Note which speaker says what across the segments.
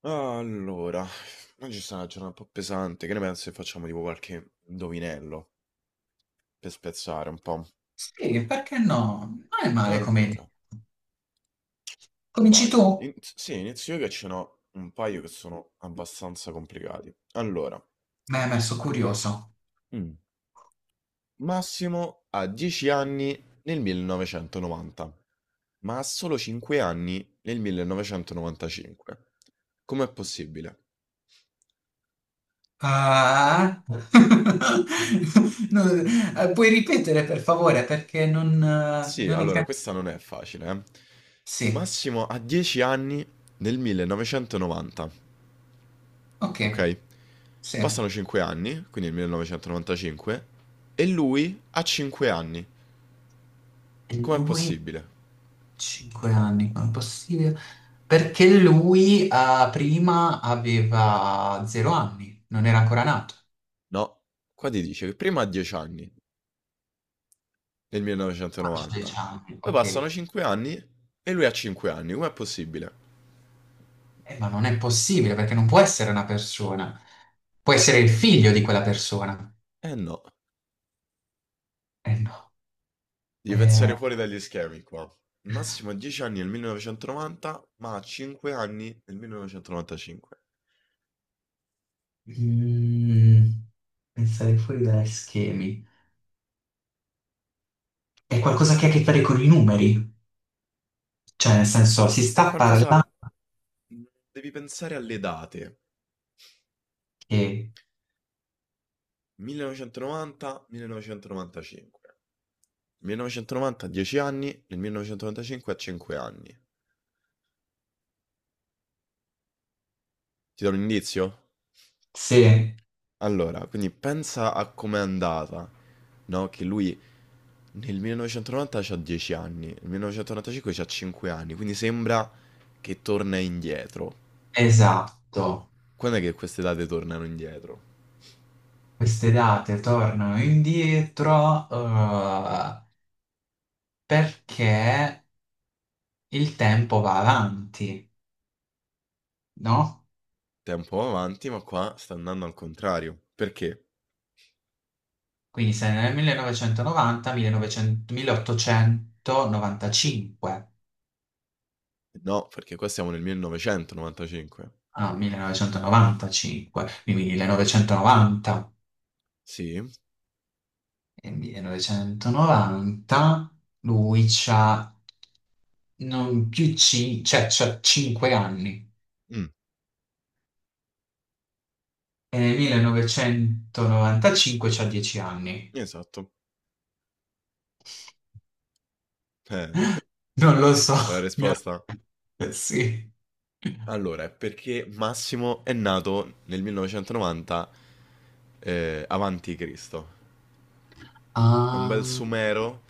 Speaker 1: Allora, oggi è stata una giornata un po' pesante, che ne pensi se facciamo tipo qualche indovinello per spezzare un po'?
Speaker 2: Sì, perché no? Non è male come idea.
Speaker 1: Allora,
Speaker 2: Cominci
Speaker 1: vai.
Speaker 2: tu?
Speaker 1: Sì, inizio io che ce n'ho un paio che sono abbastanza complicati. Allora,
Speaker 2: Mi hai messo curioso.
Speaker 1: Mm. Massimo ha 10 anni nel 1990, ma ha solo 5 anni nel 1995. Com'è possibile?
Speaker 2: Ah. No, puoi ripetere per favore perché non,
Speaker 1: Sì,
Speaker 2: non ho
Speaker 1: allora
Speaker 2: capito.
Speaker 1: questa non è facile, eh.
Speaker 2: Sì,
Speaker 1: Massimo ha 10 anni nel 1990,
Speaker 2: ok,
Speaker 1: ok?
Speaker 2: sì.
Speaker 1: Passano
Speaker 2: E
Speaker 1: 5 anni, quindi nel 1995, e lui ha 5 anni. Com'è
Speaker 2: lui,
Speaker 1: possibile?
Speaker 2: 5 anni, come è possibile? Perché lui prima aveva 0 anni, non era ancora nato.
Speaker 1: No, qua ti dice che prima ha 10 anni nel
Speaker 2: Ah, 10
Speaker 1: 1990,
Speaker 2: anni,
Speaker 1: poi
Speaker 2: ok.
Speaker 1: passano 5 anni e lui ha 5 anni. Com'è possibile?
Speaker 2: Ma non è possibile perché non può essere una persona. Può essere il figlio di quella persona.
Speaker 1: Eh no,
Speaker 2: Eh no.
Speaker 1: devi
Speaker 2: Eh,
Speaker 1: pensare fuori dagli schemi qua. Massimo ha 10 anni nel 1990, ma ha 5 anni nel 1995.
Speaker 2: mm, pensare fuori dagli schemi. È qualcosa che ha a che fare con i numeri. Cioè, nel senso, si
Speaker 1: È
Speaker 2: sta
Speaker 1: qualcosa...
Speaker 2: parlando
Speaker 1: mhmm, devi pensare alle date.
Speaker 2: che
Speaker 1: 1990, 1995. 1990 ha 10 anni, nel 1995 ha 5 anni. Ti do un indizio?
Speaker 2: se,
Speaker 1: Allora, quindi pensa a com'è andata, no? Che lui nel 1990 c'ha 10 anni, nel 1995 c'ha 5 anni, quindi sembra che torna indietro.
Speaker 2: esatto,
Speaker 1: Quando è che queste date tornano indietro?
Speaker 2: queste date tornano indietro, perché il tempo va avanti, no?
Speaker 1: Tempo avanti, ma qua sta andando al contrario. Perché?
Speaker 2: Quindi sei nel 1990, 1900, 1895.
Speaker 1: No, perché qua siamo nel 1995.
Speaker 2: No, 1995, quindi 1990.
Speaker 1: Sì?
Speaker 2: E 1990 lui c'ha non più 5, cioè c'ha 5 anni.
Speaker 1: Mh,
Speaker 2: E nel 1995 c'ha 10 anni.
Speaker 1: esatto. Eh,
Speaker 2: Non lo so,
Speaker 1: vuoi la
Speaker 2: mi ha...
Speaker 1: risposta?
Speaker 2: Sì.
Speaker 1: Allora, è perché Massimo è nato nel 1990 avanti Cristo. È un bel
Speaker 2: Ah,
Speaker 1: sumero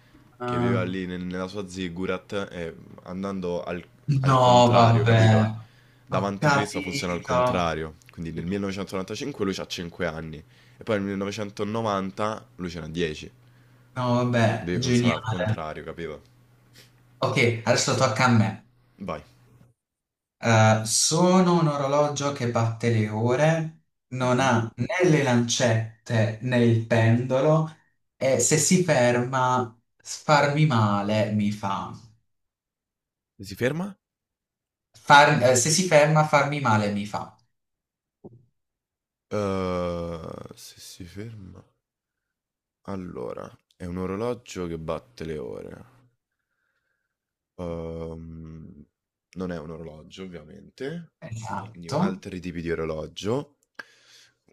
Speaker 1: che viveva
Speaker 2: ah.
Speaker 1: lì nella sua ziggurat, e andando al
Speaker 2: No,
Speaker 1: contrario, capito?
Speaker 2: vabbè. Ho
Speaker 1: Davanti Cristo funziona al
Speaker 2: capito.
Speaker 1: contrario. Quindi nel
Speaker 2: tutto.
Speaker 1: 1995 lui ha 5 anni e poi nel 1990 lui ce n'ha 10.
Speaker 2: No, vabbè,
Speaker 1: Devi pensare al
Speaker 2: geniale.
Speaker 1: contrario, capito?
Speaker 2: Ok, adesso tocca a me.
Speaker 1: Vai.
Speaker 2: Sono un orologio che batte le ore, non
Speaker 1: Mhm.
Speaker 2: ha né le lancette né il pendolo e se si ferma farmi male mi fa.
Speaker 1: Se si ferma?
Speaker 2: Se si ferma farmi male mi fa.
Speaker 1: Se si ferma... Allora, è un orologio che batte le ore. Ehm, Non è un orologio, ovviamente. Quindi
Speaker 2: Esatto.
Speaker 1: altri tipi di orologio.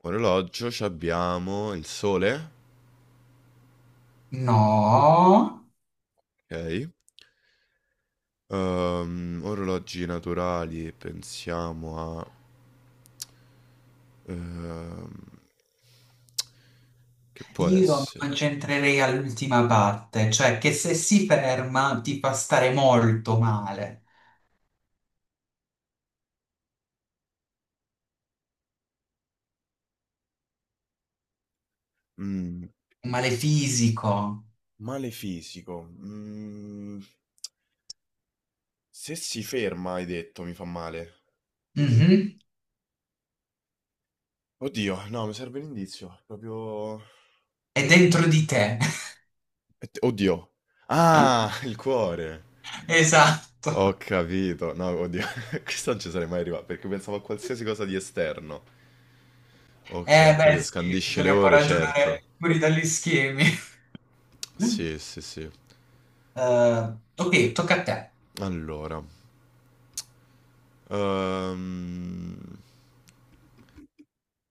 Speaker 1: Orologio, ci abbiamo il sole,
Speaker 2: No,
Speaker 1: ok? Orologi naturali, pensiamo a... ehm, che può
Speaker 2: io mi
Speaker 1: essere?
Speaker 2: concentrerei all'ultima parte, cioè che se si ferma ti fa stare molto male,
Speaker 1: Mm.
Speaker 2: un male fisico.
Speaker 1: Male fisico. Se si ferma, hai detto, mi fa male.
Speaker 2: Mhm.
Speaker 1: Oddio, no, mi serve l'indizio. Proprio...
Speaker 2: È dentro di te.
Speaker 1: Oddio. Ah, il cuore. Ho
Speaker 2: Esatto.
Speaker 1: capito. No, oddio. Questo non ci sarei mai arrivato perché pensavo a qualsiasi cosa di esterno. Ok,
Speaker 2: Eh
Speaker 1: ho
Speaker 2: beh
Speaker 1: capito.
Speaker 2: sì,
Speaker 1: Scandisce le
Speaker 2: bisogna un po'
Speaker 1: ore, certo.
Speaker 2: ragionare fuori dagli schemi.
Speaker 1: Sì, sì, sì.
Speaker 2: Ok, tocca a te.
Speaker 1: Allora. Ehm,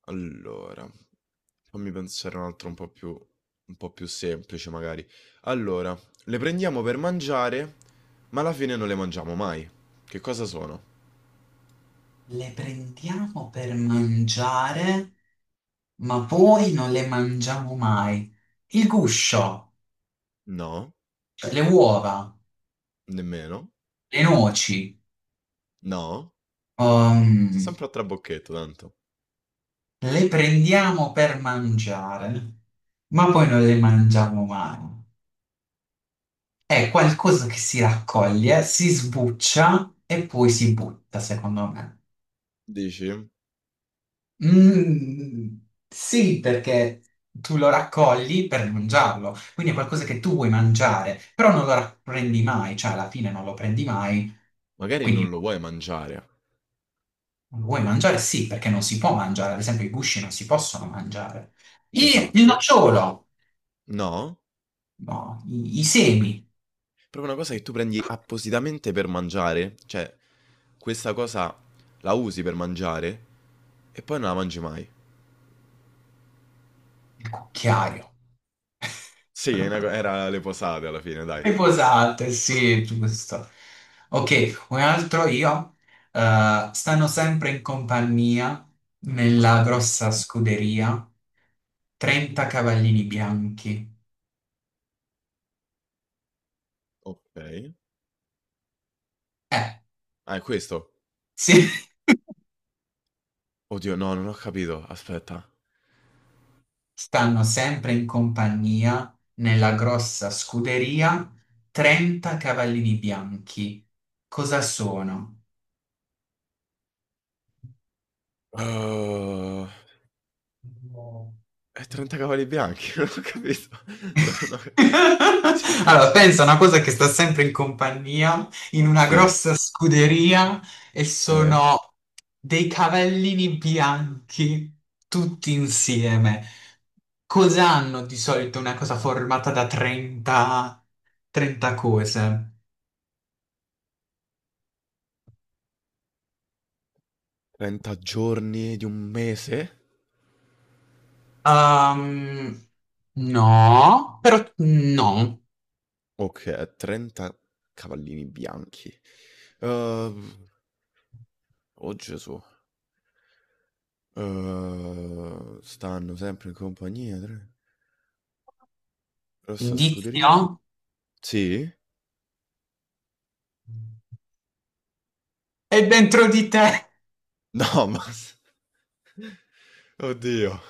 Speaker 1: Allora, fammi pensare un altro un po' più semplice magari. Allora, le prendiamo per mangiare, ma alla fine non le mangiamo mai. Che cosa sono?
Speaker 2: Le prendiamo per mangiare, ma poi non le mangiamo mai. Il guscio,
Speaker 1: No,
Speaker 2: cioè le uova,
Speaker 1: nemmeno.
Speaker 2: le noci,
Speaker 1: No, sto
Speaker 2: ehm,
Speaker 1: sempre a trabocchetto tanto.
Speaker 2: le prendiamo per mangiare, ma poi non le mangiamo mai. È qualcosa che si raccoglie, si sbuccia e poi si butta, secondo me.
Speaker 1: Dici?
Speaker 2: Mm, sì, perché tu lo raccogli per mangiarlo, quindi è qualcosa che tu vuoi mangiare, però non lo prendi mai, cioè alla fine non lo prendi mai,
Speaker 1: Magari
Speaker 2: quindi
Speaker 1: non lo
Speaker 2: lo
Speaker 1: vuoi mangiare.
Speaker 2: vuoi mangiare? Sì, perché non si può mangiare, ad esempio i gusci non si possono mangiare. Il
Speaker 1: Esatto.
Speaker 2: nocciolo,
Speaker 1: No,
Speaker 2: no, i semi,
Speaker 1: proprio una cosa che tu prendi appositamente per mangiare, cioè questa cosa la usi per mangiare e poi non la mangi mai.
Speaker 2: il cucchiaio.
Speaker 1: Sì, era le posate alla fine, dai.
Speaker 2: Riposante, sì, giusto. Ok, un altro io. Stanno sempre in compagnia nella grossa scuderia 30 cavallini bianchi.
Speaker 1: Okay.
Speaker 2: Eh,
Speaker 1: Ah, è questo?
Speaker 2: sì.
Speaker 1: Oddio, no, non ho capito. Aspetta.
Speaker 2: Stanno sempre in compagnia nella grossa scuderia 30 cavallini bianchi. Cosa sono?
Speaker 1: Uhm,
Speaker 2: No.
Speaker 1: è 30 cavalli bianchi, non ho capito. Non ho cioè
Speaker 2: Allora, pensa a una cosa che sta sempre in compagnia, in una
Speaker 1: sì,
Speaker 2: grossa scuderia, e
Speaker 1: eh?
Speaker 2: sono dei cavallini bianchi tutti insieme. Cosa hanno di solito una cosa formata da 30, 30 cose?
Speaker 1: 30 giorni di un mese?
Speaker 2: Ehm, no, però no.
Speaker 1: Oka 30 cavallini bianchi. Uhm, oh Gesù. Stanno sempre in compagnia tre rossa scuderia.
Speaker 2: Indizio?
Speaker 1: Sì?
Speaker 2: È dentro di te.
Speaker 1: No, ma s oddio.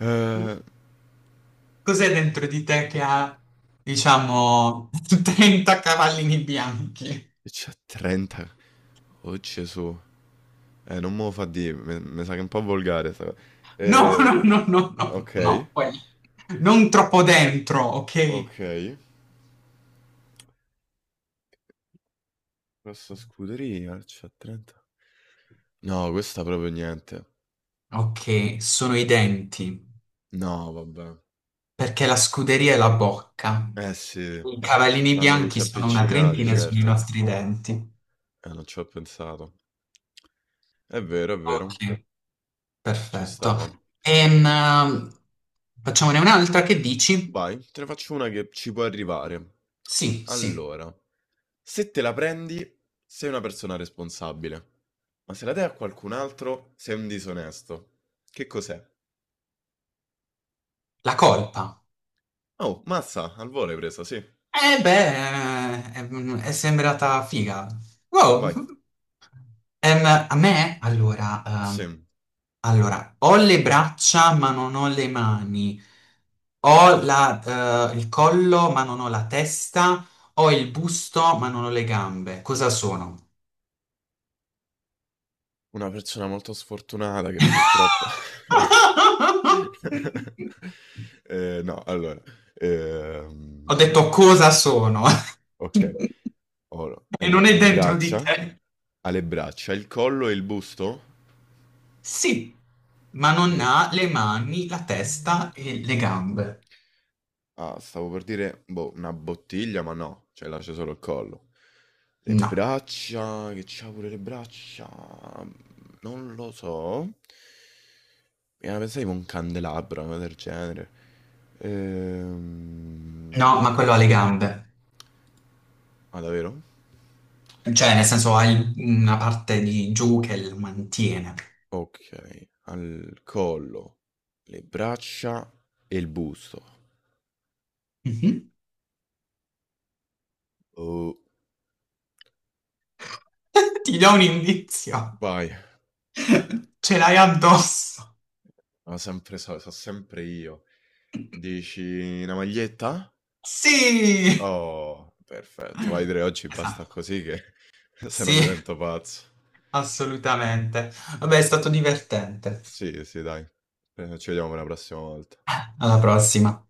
Speaker 1: Uhm
Speaker 2: Cos'è dentro di te che ha, diciamo, 30 cavallini bianchi?
Speaker 1: E c'ha 30. Oh Gesù. Non me lo fa dire, mi sa che è un po' volgare sta cosa.
Speaker 2: No, no,
Speaker 1: Eh,
Speaker 2: no, no, no,
Speaker 1: ok,
Speaker 2: no, quelli. Non troppo dentro, ok?
Speaker 1: ok. Questa scuderia c'ha 30. No, questa proprio niente.
Speaker 2: Ok, sono i denti,
Speaker 1: No, vabbè.
Speaker 2: perché la scuderia è la bocca.
Speaker 1: Eh sì,
Speaker 2: I cavallini
Speaker 1: stanno
Speaker 2: bianchi
Speaker 1: tutti
Speaker 2: sono una
Speaker 1: appiccicati,
Speaker 2: trentina, e sono i
Speaker 1: certo.
Speaker 2: nostri denti.
Speaker 1: Non ci ho pensato. È vero,
Speaker 2: Ok,
Speaker 1: ci
Speaker 2: perfetto.
Speaker 1: stava.
Speaker 2: Ehm, facciamone un'altra, che dici?
Speaker 1: Vai, te ne faccio una che ci può arrivare.
Speaker 2: Sì, sì,
Speaker 1: Allora, se te la prendi, sei una persona responsabile. Ma se la dai a qualcun altro, sei un disonesto. Che cos'è?
Speaker 2: la colpa.
Speaker 1: Oh, mazza, al volo hai presa, sì.
Speaker 2: Eh beh, è sembrata figa. Wow.
Speaker 1: Vai.
Speaker 2: A me, allora,
Speaker 1: Sì,
Speaker 2: allora, ho le braccia ma non ho le mani, ho il collo ma non ho la testa, ho il busto ma non ho le gambe. Cosa sono?
Speaker 1: una persona molto sfortunata che purtroppo... No. No, allora...
Speaker 2: Ho
Speaker 1: ehm,
Speaker 2: detto cosa sono
Speaker 1: ok.
Speaker 2: e
Speaker 1: Ora, hai
Speaker 2: non
Speaker 1: detto
Speaker 2: è
Speaker 1: le
Speaker 2: dentro di
Speaker 1: braccia?
Speaker 2: te.
Speaker 1: Ha le braccia, il collo e il busto?
Speaker 2: Sì, ma non
Speaker 1: Le-
Speaker 2: ha le mani, la testa e le gambe.
Speaker 1: Ah, stavo per dire, boh, una bottiglia, ma no, cioè là c'è solo il collo. Le
Speaker 2: No,
Speaker 1: braccia, che c'ha pure le braccia, non lo so. Mi era pensato tipo un candelabro, una cosa del genere. Ehm...
Speaker 2: no, ma quello ha le gambe.
Speaker 1: Ah, davvero?
Speaker 2: Cioè, nel senso, ha una parte di giù che lo mantiene.
Speaker 1: Ok, al collo, le braccia e il busto.
Speaker 2: Mhm.
Speaker 1: Oh,
Speaker 2: Ti do un indizio.
Speaker 1: vai,
Speaker 2: Ce l'hai addosso.
Speaker 1: ma sempre so sempre io. Dici una maglietta?
Speaker 2: Sì!
Speaker 1: Oh, perfetto. Vai 3 oggi basta
Speaker 2: Esatto.
Speaker 1: così che se no
Speaker 2: Sì,
Speaker 1: divento pazzo.
Speaker 2: assolutamente. Vabbè, è stato divertente.
Speaker 1: Sì, sì, dai. Ci vediamo per la prossima volta.
Speaker 2: Alla prossima.